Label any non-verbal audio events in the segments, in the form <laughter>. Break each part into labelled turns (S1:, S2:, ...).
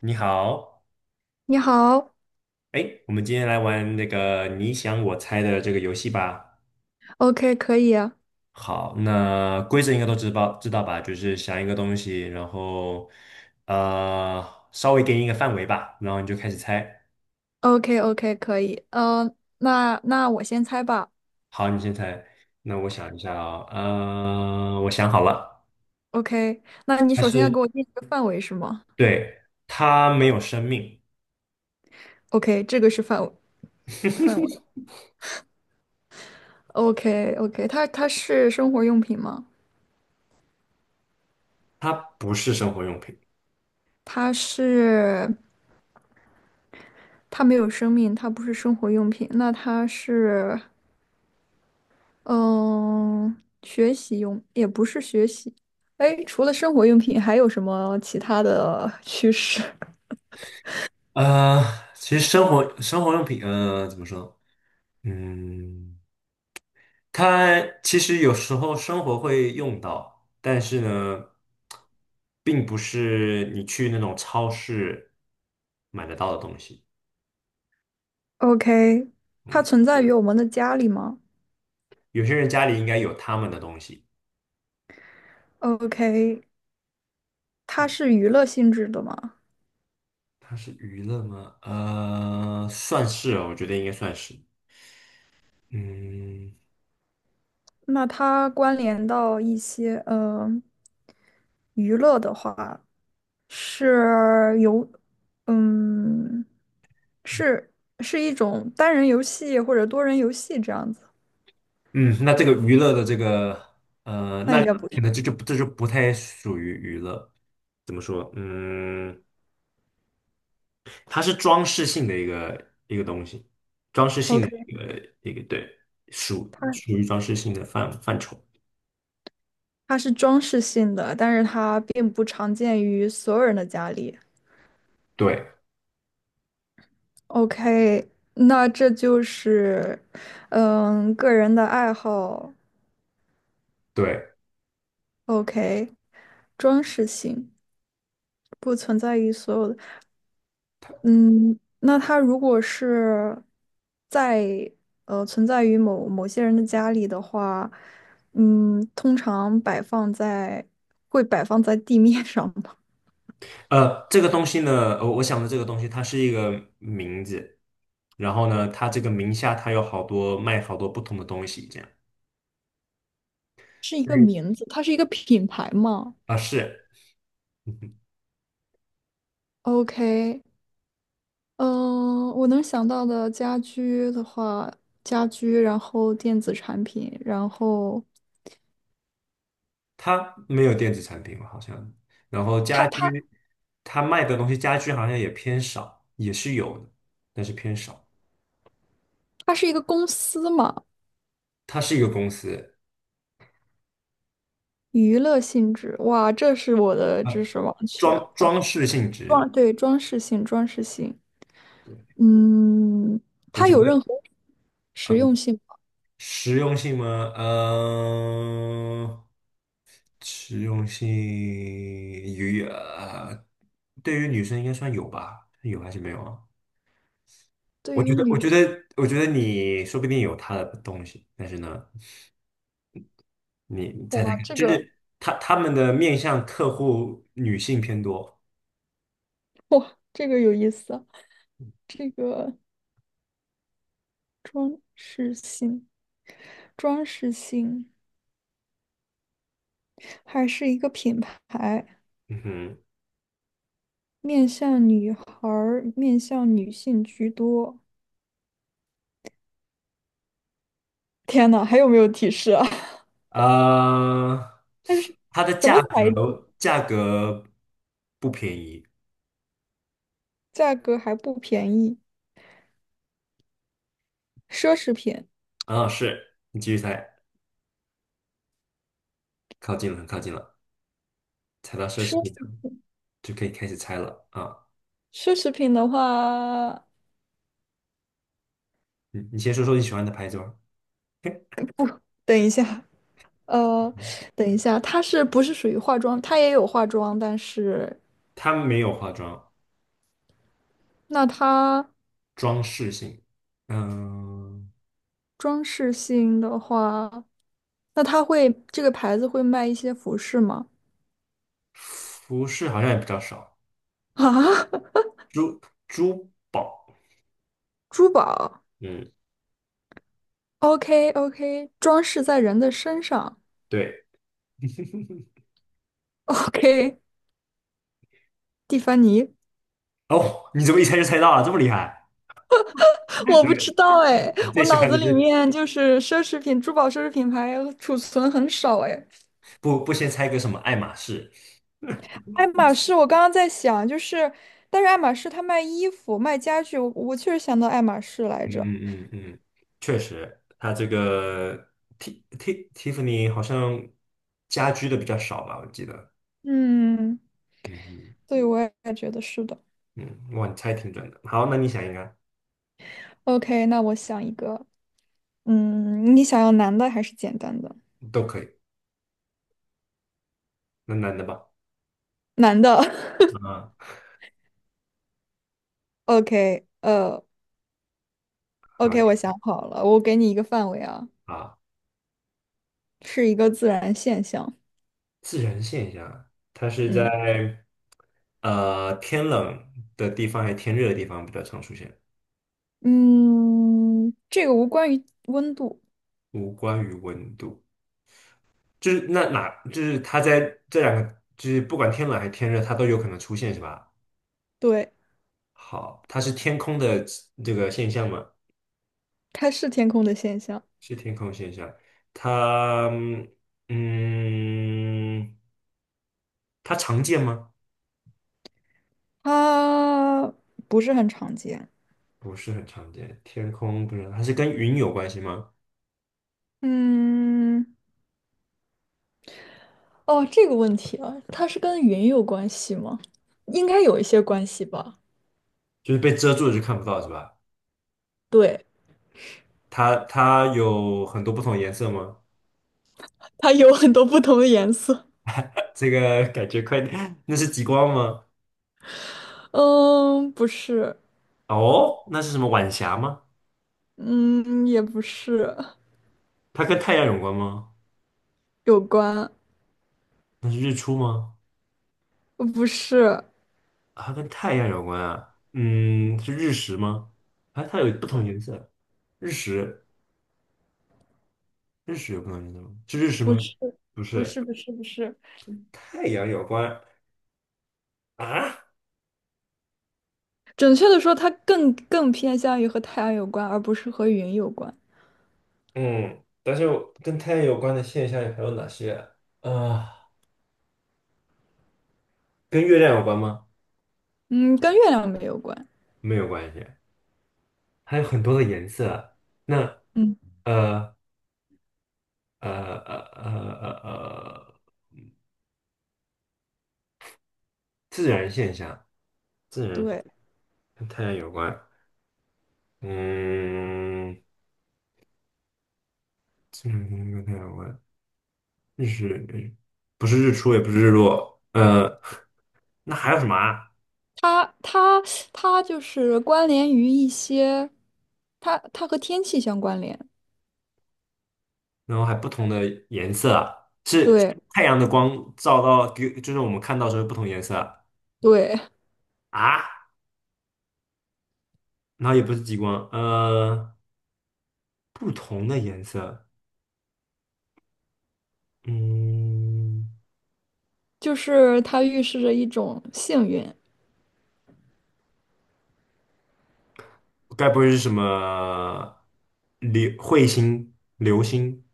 S1: 你好，
S2: 你好
S1: 哎，我们今天来玩那个你想我猜的这个游戏吧。
S2: ，OK,可以
S1: 好，那规则应该都知道吧？就是想一个东西，然后呃，稍微给你一个范围吧，然后你就开始猜。
S2: ，OK，OK，可以，呃，那那我先猜吧
S1: 好，你先猜。那我想一下啊，我想好了，
S2: ，OK,那你
S1: 它
S2: 首先要
S1: 是，
S2: 给我定一个范围是吗
S1: 对，它没有生命。
S2: ？OK,这个是范围，范围
S1: <laughs>
S2: ，OK，OK，它是生活用品吗？
S1: 它不是生活用品。
S2: 它是，它没有生命，它不是生活用品，那它是嗯、学习用，也不是学习。哎，除了生活用品还有什么其他的趋势？
S1: 呃，其实生活用品，怎么说呢嗯。它其实有时候生活会用到，但是呢，并不是你去那种超市买得到的东西。
S2: <laughs>？OK,它
S1: 嗯，
S2: 存在于我们的家里吗？
S1: 有些人家里应该有他们的东西。
S2: OK,它是娱乐性质的嘛？
S1: 它是娱乐吗？算是哦，我觉得应该算是。嗯
S2: 那它关联到一些娱乐的话，是游，嗯，是是一种单人游戏或者多人游戏这样子。
S1: 嗯，那这个娱乐的这个，
S2: 那应该不
S1: 可
S2: 是。
S1: 能这就不太属于娱乐。怎么说？嗯，它是装饰性的一个东西。
S2: OK,
S1: 一个一个对，属属
S2: 它
S1: 于装饰性的范畴。
S2: 它是装饰性的，但是它并不常见于所有人的家里。
S1: 对
S2: OK,那这就是嗯个人的爱好。
S1: 对，
S2: OK,装饰性不存在于所有的。嗯，那它如果是在存在于某某些人的家里的话，嗯，通常摆放在会摆放在地面上吗？
S1: 这个东西呢，我想的这个东西，它是一个名字，然后呢，它这个名下它有卖好多不同的东西，这样。
S2: <laughs> 是一个
S1: 嗯
S2: 名字，它是一个品牌吗
S1: 啊，是，嗯哼，
S2: ？OK。嗯，我能想到的家居的话，家居，然后电子产品，然后
S1: 它没有电子产品好像，然后
S2: 它
S1: 家
S2: 它
S1: 居，它卖的东西家居好像也偏少，也是有的，但是偏少。
S2: 它是一个公司嘛？
S1: 它是一个公司，
S2: 娱乐性质，哇，这是我的
S1: 啊，
S2: 知识盲区。
S1: 装饰性质，
S2: 装，对，装饰性，装饰性。
S1: 对，
S2: 嗯，
S1: 我
S2: 它
S1: 觉
S2: 有任
S1: 得。
S2: 何实用
S1: 嗯。
S2: 性吗？
S1: 实用性吗？嗯、实用性与对于女生应该算有吧？有还是没有啊？我
S2: 对
S1: 觉
S2: 于
S1: 得，我
S2: 女
S1: 觉
S2: 生，
S1: 得，我觉得你说不定有她的东西，但是呢，你猜猜
S2: 哇，
S1: 看，
S2: 这个，
S1: 他们的面向客户女性偏多。
S2: 哇，这个有意思啊，这个装饰性，装饰性，还是一个品牌，
S1: 嗯哼，
S2: 面向女孩儿，面向女性居多。天呐，还有没有提示啊？<laughs>
S1: 呃，
S2: 但是
S1: 它的
S2: 什么
S1: 价
S2: 材质？
S1: 格价格不便宜
S2: 价格还不便宜，奢侈品。
S1: 啊，是，你继续猜，靠近了，很靠近了，猜到奢
S2: 奢。
S1: 侈品。就可以开始猜了啊。
S2: 奢侈品的话，
S1: 你先说说你喜欢的牌子吧。OK，
S2: 等一下，呃，等一下，它是不是属于化妆？它也有化妆，但是
S1: 它没有化妆，
S2: 那它
S1: 装饰性，嗯，
S2: 装饰性的话，那它会这个牌子会卖一些服饰吗？
S1: 服饰好像也比较少，
S2: 啊，<laughs>
S1: 珠珠宝，
S2: 珠宝
S1: 嗯，
S2: ？OK OK，装饰在人的身上
S1: 对。
S2: ？OK,蒂凡尼？
S1: 哦，你怎么一猜就猜到了，这么厉害？
S2: <laughs>
S1: <laughs>
S2: 我不知
S1: 对，
S2: 道哎，
S1: 你最
S2: 我
S1: 喜
S2: 脑
S1: 欢
S2: 子
S1: 的
S2: 里
S1: 是
S2: 面就是奢侈品、珠宝、奢侈品牌储存很少哎。
S1: 不先猜个什么爱马仕？
S2: 爱马仕，我刚刚在想，就是，但是爱马仕它卖衣服、卖家具，我确实想到爱马仕来
S1: 嗯
S2: 着。
S1: 嗯嗯嗯，确实，它这个 Tiffany 好像家居的比较少吧，我记得。
S2: 嗯，
S1: 嗯嗯
S2: 对，我也觉得是的。
S1: 嗯，哇，你猜挺准的。好，那你想一个啊。
S2: OK,那我想一个，嗯，你想要男的还是简单的？
S1: 都可以。那男的吧，
S2: 男的。<laughs>
S1: 啊，
S2: OK,
S1: 可
S2: OK,我
S1: 以
S2: 想好了，我给你一个范围啊，
S1: 啊。
S2: 是一个自然现象。
S1: 自然现象，它是
S2: 嗯
S1: 在天冷的地方还是天热的地方比较常出现，
S2: 嗯，这个无关于温度。
S1: 无关于温度。就是那哪，就是它在这两个，就是不管天冷还是天热，它都有可能出现，是吧？
S2: 对，
S1: 好，它是天空的这个现象吗？
S2: 它是天空的现象。
S1: 是天空现象。它嗯，它常见吗？
S2: 它不是很常见。
S1: 不是很常见。天空不是，它是跟云有关系吗？
S2: 嗯，哦，这个问题啊，它是跟云有关系吗？应该有一些关系吧。
S1: 就是被遮住了就看不到是吧？
S2: 对，
S1: 它有很多不同颜色吗？
S2: 它有很多不同的颜色。
S1: 这个感觉快点。 <laughs> 那是极光吗？
S2: 嗯，不是。
S1: 哦，那是什么晚霞吗？
S2: 嗯，也不是。
S1: 它跟太阳有关吗？
S2: 有关。
S1: 那是日出吗？
S2: 不是，
S1: 啊，它跟太阳有关啊？嗯，是日食吗？啊，它有不同颜色，日食，日食有不同颜色吗？是日食吗？不
S2: 不
S1: 是，
S2: 是，不是，不是。
S1: 太阳有关啊？
S2: 准确的说，它更偏向于和太阳有关，而不是和云有关。
S1: 嗯，但是我跟太阳有关的现象还有哪些啊？呃跟月亮有关吗？
S2: 嗯，跟月亮没有关。
S1: 没有关系。还有很多的颜色。那
S2: 嗯，
S1: 呃呃呃呃呃呃，自然现象，自然现
S2: 对，
S1: 跟太阳有关。嗯，自然现象跟太阳有关。日是不是日出，也不是日落。那还有什么啊？
S2: 它，它，它就是关联于一些，它和天气相关联。
S1: 然后还不同的颜色啊，是
S2: 对。
S1: 太阳的光照到，就是我们看到的时候不同颜色啊。
S2: 对，
S1: 啊，然后也不是极光，不同的颜色。嗯。
S2: 就是它预示着一种幸运，
S1: 该不会是什么流彗星、流星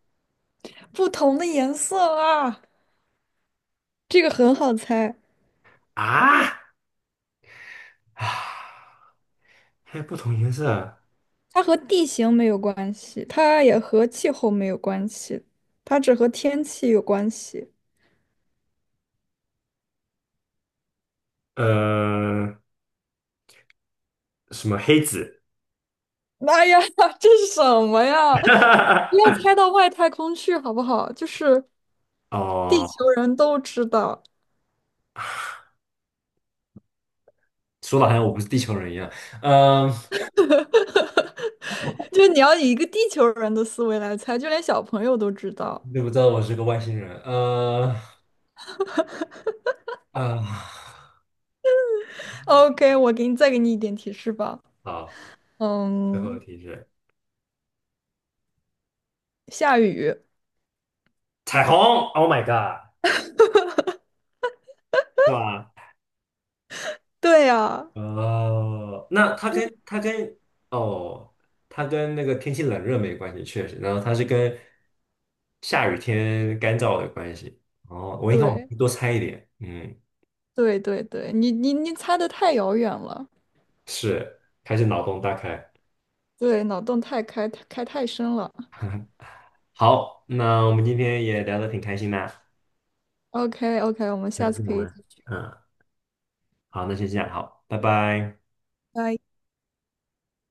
S2: 不同的颜色啊，这个很好猜。
S1: 啊？啊，还有不同颜色，
S2: 它和地形没有关系，它也和气候没有关系，它只和天气有关系。
S1: 呃，什么黑子？
S2: 妈呀，<laughs> 这是什么呀？不要
S1: <laughs>
S2: 猜到外太空去好不好？就是地
S1: 哦，
S2: 球人都知道，
S1: 说的好像我不是地球人一样，嗯、
S2: 就是你要以一个地球人的思维来猜，就连小朋友都知道。
S1: 你怎么知道我是个外星人？呃，
S2: OK,我给你再给你一点提示吧。
S1: 好，最后一
S2: 嗯，
S1: 题是
S2: 下雨。
S1: 彩虹，Oh my God，是吧？
S2: 对呀、
S1: 哦，那哦，它跟那个天气冷热没关系，确实。然后它是跟下雨天干燥的关系。哦，我应该往
S2: 对
S1: 多猜一点。嗯，
S2: 对对对，你猜的太遥远了。
S1: 是，还是脑洞大开。
S2: 对，脑洞太开太深了。
S1: <laughs> 好，那我们今天也聊得挺开心的啊。
S2: OK OK，我们
S1: 那
S2: 下
S1: 是什
S2: 次可以
S1: 么？
S2: 继续。
S1: 嗯，好，那先这样，好，拜拜。
S2: 拜。